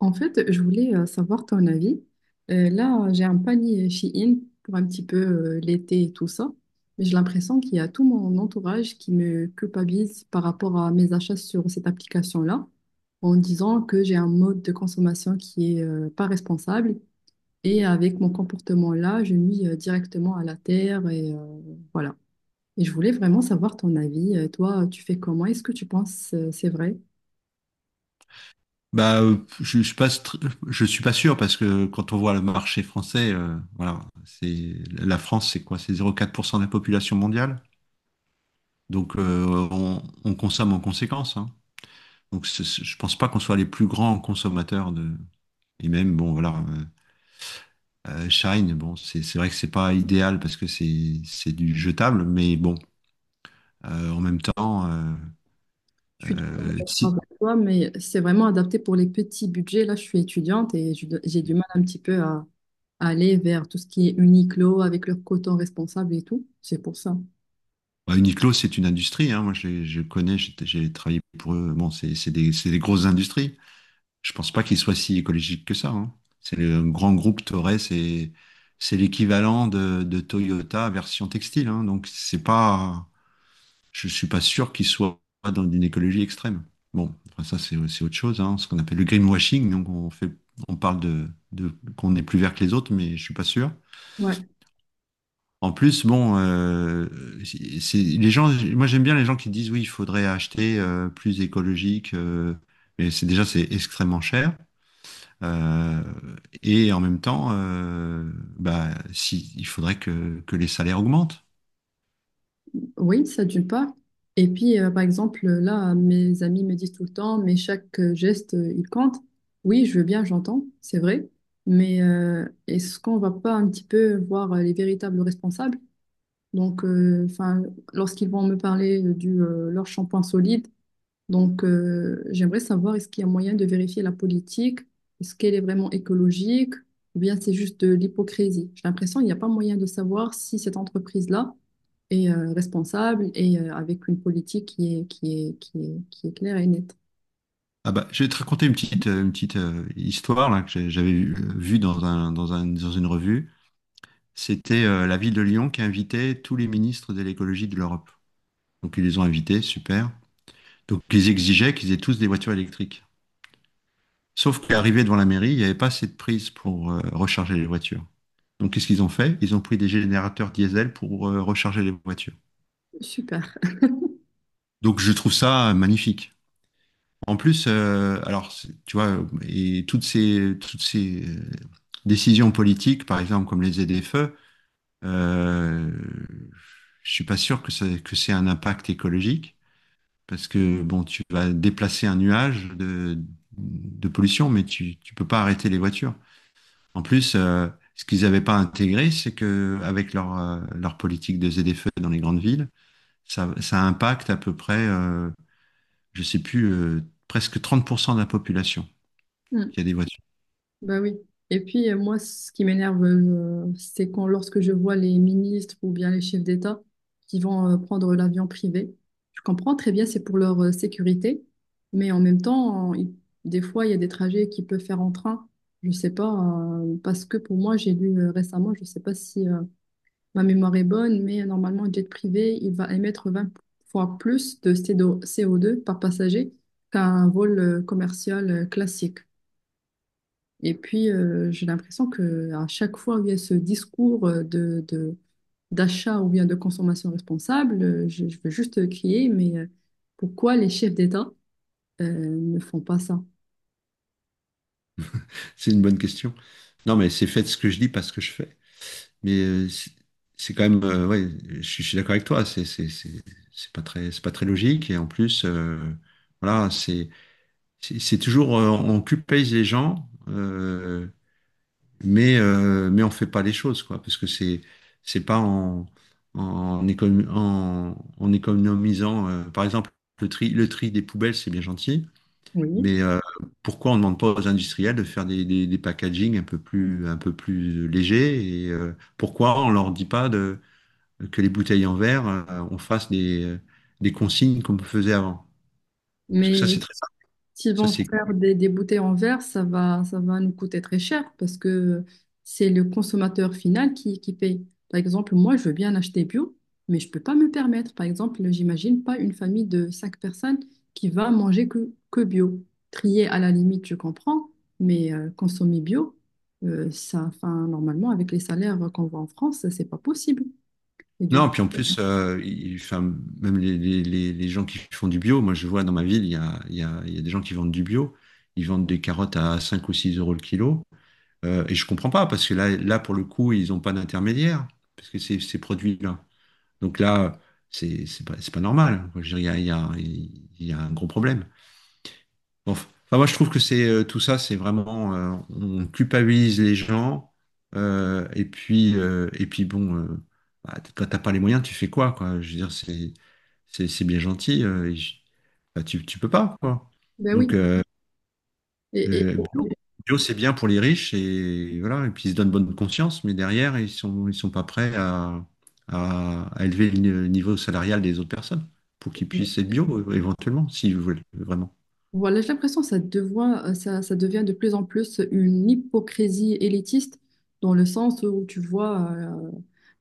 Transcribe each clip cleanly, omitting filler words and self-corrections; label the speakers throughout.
Speaker 1: En fait, je voulais savoir ton avis. Là, j'ai un panier Shein pour un petit peu l'été et tout ça, mais j'ai l'impression qu'il y a tout mon entourage qui me culpabilise par rapport à mes achats sur cette application-là, en disant que j'ai un mode de consommation qui est pas responsable et avec mon comportement-là, je nuis directement à la terre et voilà. Et je voulais vraiment savoir ton avis. Toi, tu fais comment? Est-ce que tu penses c'est vrai?
Speaker 2: Je passe, je suis pas sûr parce que quand on voit le marché français, voilà, c'est la France, c'est quoi? C'est zéro virgule quatre pour cent de la population mondiale. Donc, on consomme en conséquence, hein. Donc, je pense pas qu'on soit les plus grands consommateurs de. Et même, bon, voilà, Shine, bon, c'est vrai que c'est pas idéal parce que c'est du jetable, mais bon, en même temps,
Speaker 1: Je suis tout à fait d'accord
Speaker 2: si.
Speaker 1: avec toi, mais c'est vraiment adapté pour les petits budgets. Là, je suis étudiante et j'ai du mal un petit peu à aller vers tout ce qui est Uniqlo avec leur coton responsable et tout. C'est pour ça.
Speaker 2: Bah, Uniqlo, c'est une industrie, hein. Moi, je connais, j'ai travaillé pour eux. Bon, c'est des grosses industries. Je pense pas qu'il soit si écologique que ça, hein. C'est le grand groupe Toray, c'est l'équivalent de Toyota version textile, hein. Donc c'est pas, je suis pas sûr qu'il soit dans une écologie extrême. Bon, enfin, ça c'est autre chose, hein, ce qu'on appelle le greenwashing. Donc on fait, on parle de, qu'on est plus vert que les autres, mais je suis pas sûr.
Speaker 1: Ouais.
Speaker 2: En plus, bon, les gens. Moi j'aime bien les gens qui disent oui, il faudrait acheter plus écologique, mais c'est extrêmement cher. Euh, et en même temps, bah, si, il faudrait que les salaires augmentent.
Speaker 1: Oui, ça d'une part. Et puis, par exemple, là, mes amis me disent tout le temps, mais chaque geste, il compte. Oui, je veux bien, j'entends, c'est vrai. Mais est-ce qu'on va pas un petit peu voir les véritables responsables? Donc, enfin, lorsqu'ils vont me parler du leur shampoing solide. Donc, j'aimerais savoir, est-ce qu'il y a moyen de vérifier la politique? Est-ce qu'elle est vraiment écologique? Ou bien c'est juste de l'hypocrisie? J'ai l'impression qu'il n'y a pas moyen de savoir si cette entreprise-là est responsable et avec une politique qui est claire et nette.
Speaker 2: Ah bah, je vais te raconter une petite histoire là, que j'avais vue dans une revue. C'était la ville de Lyon qui invitait tous les ministres de l'écologie de l'Europe. Donc ils les ont invités, super. Donc ils exigeaient qu'ils aient tous des voitures électriques. Sauf qu'arrivé devant la mairie, il n'y avait pas assez de prise pour recharger les voitures. Donc qu'est-ce qu'ils ont fait? Ils ont pris des générateurs diesel pour recharger les voitures.
Speaker 1: Super.
Speaker 2: Donc je trouve ça magnifique. En plus, alors, tu vois, et toutes ces décisions politiques, par exemple, comme les ZFE, euh, je suis pas sûr que ça, que c'est un impact écologique, parce que, bon, tu vas déplacer un nuage de pollution, mais tu peux pas arrêter les voitures. En plus, ce qu'ils n'avaient pas intégré, c'est que avec leur, leur politique de ZFE dans les grandes villes, ça impacte à peu près, je sais plus, presque 30% de la population qu'il y a des voitures?
Speaker 1: Bah oui. Et puis, moi, ce qui m'énerve, c'est quand, lorsque je vois les ministres ou bien les chefs d'État qui vont prendre l'avion privé. Je comprends très bien, c'est pour leur sécurité, mais en même temps, des fois, il y a des trajets qu'ils peuvent faire en train. Je sais pas, parce que pour moi, j'ai lu récemment, je sais pas si ma mémoire est bonne, mais normalement, un jet privé, il va émettre 20 fois plus de CO2 par passager qu'un vol commercial classique. Et puis, j'ai l'impression que à chaque fois où il y a ce discours d'achat ou bien de consommation responsable, je veux juste crier, mais pourquoi les chefs d'État euh, ne font pas ça?
Speaker 2: C'est une bonne question. Non, mais c'est fait ce que je dis, pas ce que je fais. Mais c'est quand même, ouais, je suis d'accord avec toi. C'est pas très logique. Et en plus, voilà, c'est toujours on culpabilise les gens, mais on fait pas les choses quoi, parce que c'est pas en en économisant, par exemple, le tri des poubelles, c'est bien gentil.
Speaker 1: Oui.
Speaker 2: Mais pourquoi on ne demande pas aux industriels de faire des packagings un peu plus légers et pourquoi on ne leur dit pas de, que les bouteilles en verre, on fasse des consignes comme on faisait avant? Parce que
Speaker 1: Mais
Speaker 2: ça, c'est très simple.
Speaker 1: s'ils
Speaker 2: Ça,
Speaker 1: vont
Speaker 2: c'est...
Speaker 1: faire des bouteilles en verre, ça va nous coûter très cher parce que c'est le consommateur final qui paye. Par exemple, moi, je veux bien acheter bio, mais je ne peux pas me le permettre. Par exemple, j'imagine pas une famille de cinq personnes qui va manger que bio. Trier à la limite, je comprends, mais consommer bio, ça, enfin, normalement, avec les salaires qu'on voit en France, c'est pas possible. Et du coup,
Speaker 2: Non, puis en plus, enfin, même les gens qui font du bio, moi je vois dans ma ville, il y a des gens qui vendent du bio, ils vendent des carottes à 5 ou 6 euros le kilo. Et je comprends pas, parce que là pour le coup, ils n'ont pas d'intermédiaire, parce que c'est ces produits-là. Donc là, c'est pas normal. Je veux dire, il y a un gros problème. Bon, enfin, moi, je trouve que c'est tout ça, c'est vraiment, on culpabilise les gens. Et puis bon, bah, quand t'as pas les moyens, tu fais quoi, quoi? Je veux dire, c'est c'est bien gentil. Bah, tu peux pas, quoi.
Speaker 1: ben oui.
Speaker 2: Donc,
Speaker 1: Et, et-
Speaker 2: euh, bio, bio, c'est bien pour les riches et voilà, et puis ils se donnent bonne conscience, mais derrière, ils sont pas prêts à, à élever le niveau salarial des autres personnes pour qu'ils puissent être bio éventuellement, s'ils veulent vraiment.
Speaker 1: Voilà, j'ai l'impression que ça devient de plus en plus une hypocrisie élitiste, dans le sens où tu vois euh,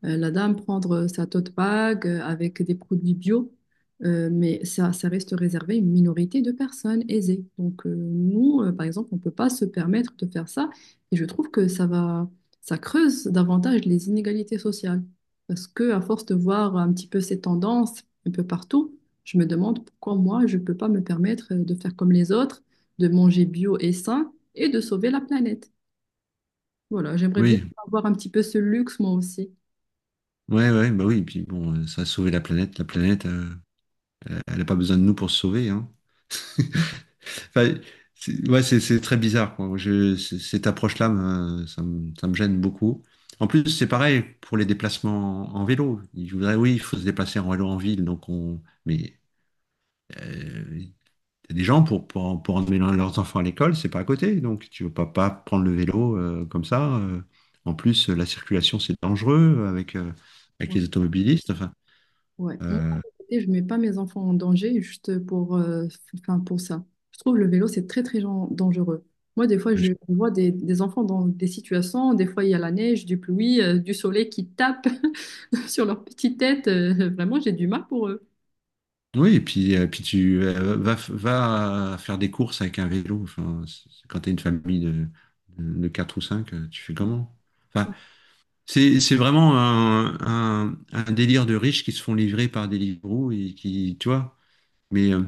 Speaker 1: euh, la dame prendre sa tote bag avec des produits bio, mais ça reste réservé à une minorité de personnes aisées. Donc nous, par exemple, on ne peut pas se permettre de faire ça et je trouve que ça creuse davantage les inégalités sociales parce que à force de voir un petit peu ces tendances un peu partout, je me demande pourquoi moi, je ne peux pas me permettre de faire comme les autres, de manger bio et sain et de sauver la planète. Voilà, j'aimerais bien
Speaker 2: Oui,
Speaker 1: avoir un petit peu ce luxe moi aussi.
Speaker 2: ouais, ouais, bah oui, et puis bon, ça a sauvé la planète. La planète, elle n'a pas besoin de nous pour se sauver, hein. Enfin, ouais, c'est très bizarre, quoi. Cette approche-là, ça ça me gêne beaucoup. En plus, c'est pareil pour les déplacements en vélo. Je voudrais, oui, il faut se déplacer en vélo en ville, donc on, mais euh, t'as des gens pour, pour emmener leurs enfants à l'école, c'est pas à côté, donc tu veux pas prendre le vélo comme ça, En plus, la circulation, c'est dangereux avec, avec
Speaker 1: Ouais.
Speaker 2: les automobilistes. Enfin,
Speaker 1: Ouais. Moi, à
Speaker 2: euh,
Speaker 1: côté, je ne mets pas mes enfants en danger juste pour, enfin, pour ça. Je trouve le vélo, c'est très, très dangereux. Moi, des fois, je
Speaker 2: je
Speaker 1: vois des enfants dans des situations, des fois, il y a la neige, du pluie, du soleil qui tape sur leur petite tête. Vraiment, j'ai du mal pour eux.
Speaker 2: oui, et puis, puis tu va faire des courses avec un vélo. Enfin, quand tu as une famille de 4 ou 5, tu fais comment? Enfin, c'est vraiment un délire de riches qui se font livrer par Deliveroo et qui, tu vois, mais, euh,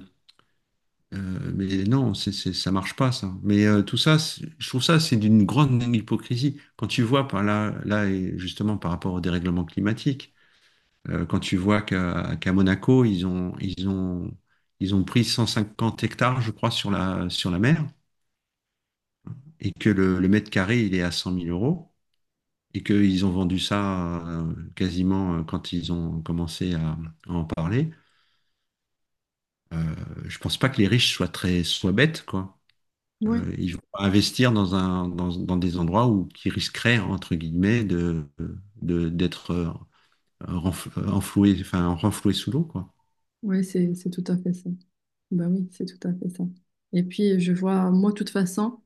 Speaker 2: mais non, ça marche pas, ça. Mais tout ça, je trouve ça, c'est d'une grande hypocrisie. Quand tu vois par là, là, et justement par rapport au dérèglement climatique, quand tu vois qu'à Monaco, ils ont pris 150 hectares, je crois, sur la mer, et que le mètre carré, il est à 100 000 euros, et qu'ils ont vendu ça quasiment quand ils ont commencé à en parler. Euh, je pense pas que les riches soient très, soient bêtes, quoi.
Speaker 1: Ouais,
Speaker 2: Ils vont pas investir dans un, dans des endroits où qui risqueraient, entre guillemets, de, d'être enfloué, enfin, renfloué sous l'eau, quoi.
Speaker 1: ouais, c'est tout à fait ça. Bah oui, c'est tout à fait ça. Et puis, je vois, moi, de toute façon,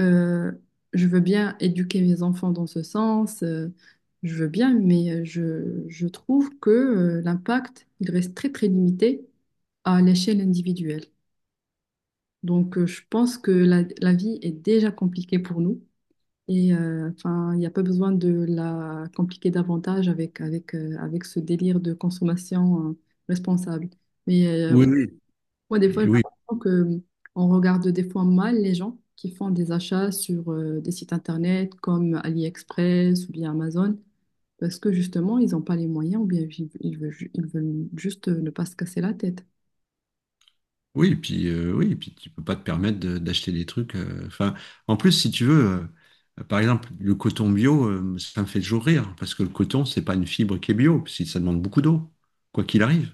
Speaker 1: euh, je veux bien éduquer mes enfants dans ce sens, je veux bien, mais je trouve que l'impact, il reste très, très limité à l'échelle individuelle. Donc, je pense que la vie est déjà compliquée pour nous. Et enfin, il n'y a pas besoin de la compliquer davantage avec ce délire de consommation responsable. Mais
Speaker 2: Oui, oui.
Speaker 1: moi, des fois,
Speaker 2: Et
Speaker 1: j'ai
Speaker 2: oui,
Speaker 1: l'impression que hum, on regarde des fois mal les gens qui font des achats sur des sites internet comme AliExpress ou bien Amazon parce que justement, ils n'ont pas les moyens ou bien ils veulent juste ne pas se casser la tête.
Speaker 2: oui, et puis tu peux pas te permettre d'acheter des trucs. Enfin, en plus, si tu veux, par exemple, le coton bio, ça me fait toujours rire, parce que le coton, c'est pas une fibre qui est bio, parce ça demande beaucoup d'eau, quoi qu'il arrive.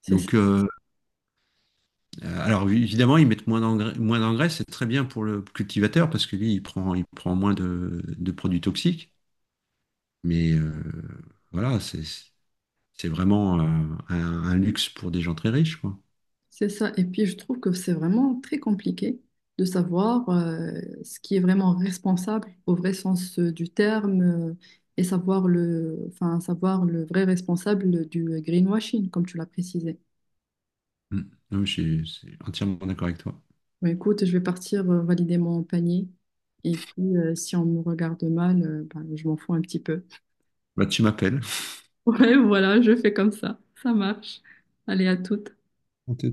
Speaker 1: C'est ça.
Speaker 2: Donc, alors oui, évidemment, ils mettent moins d'engrais, c'est très bien pour le cultivateur parce que lui, il prend moins de produits toxiques. Mais voilà, c'est vraiment un, un luxe pour des gens très riches, quoi.
Speaker 1: C'est ça. Et puis, je trouve que c'est vraiment très compliqué de savoir ce qui est vraiment responsable au vrai sens du terme et savoir le vrai responsable du greenwashing, comme tu l'as précisé.
Speaker 2: Mm. Non, mais je suis entièrement d'accord avec toi.
Speaker 1: Bah, écoute, je vais partir valider mon panier. Et puis, si on me regarde mal, bah, je m'en fous un petit peu.
Speaker 2: Bah, tu m'appelles.
Speaker 1: Ouais, voilà, je fais comme ça. Ça marche. Allez, à toutes.
Speaker 2: On te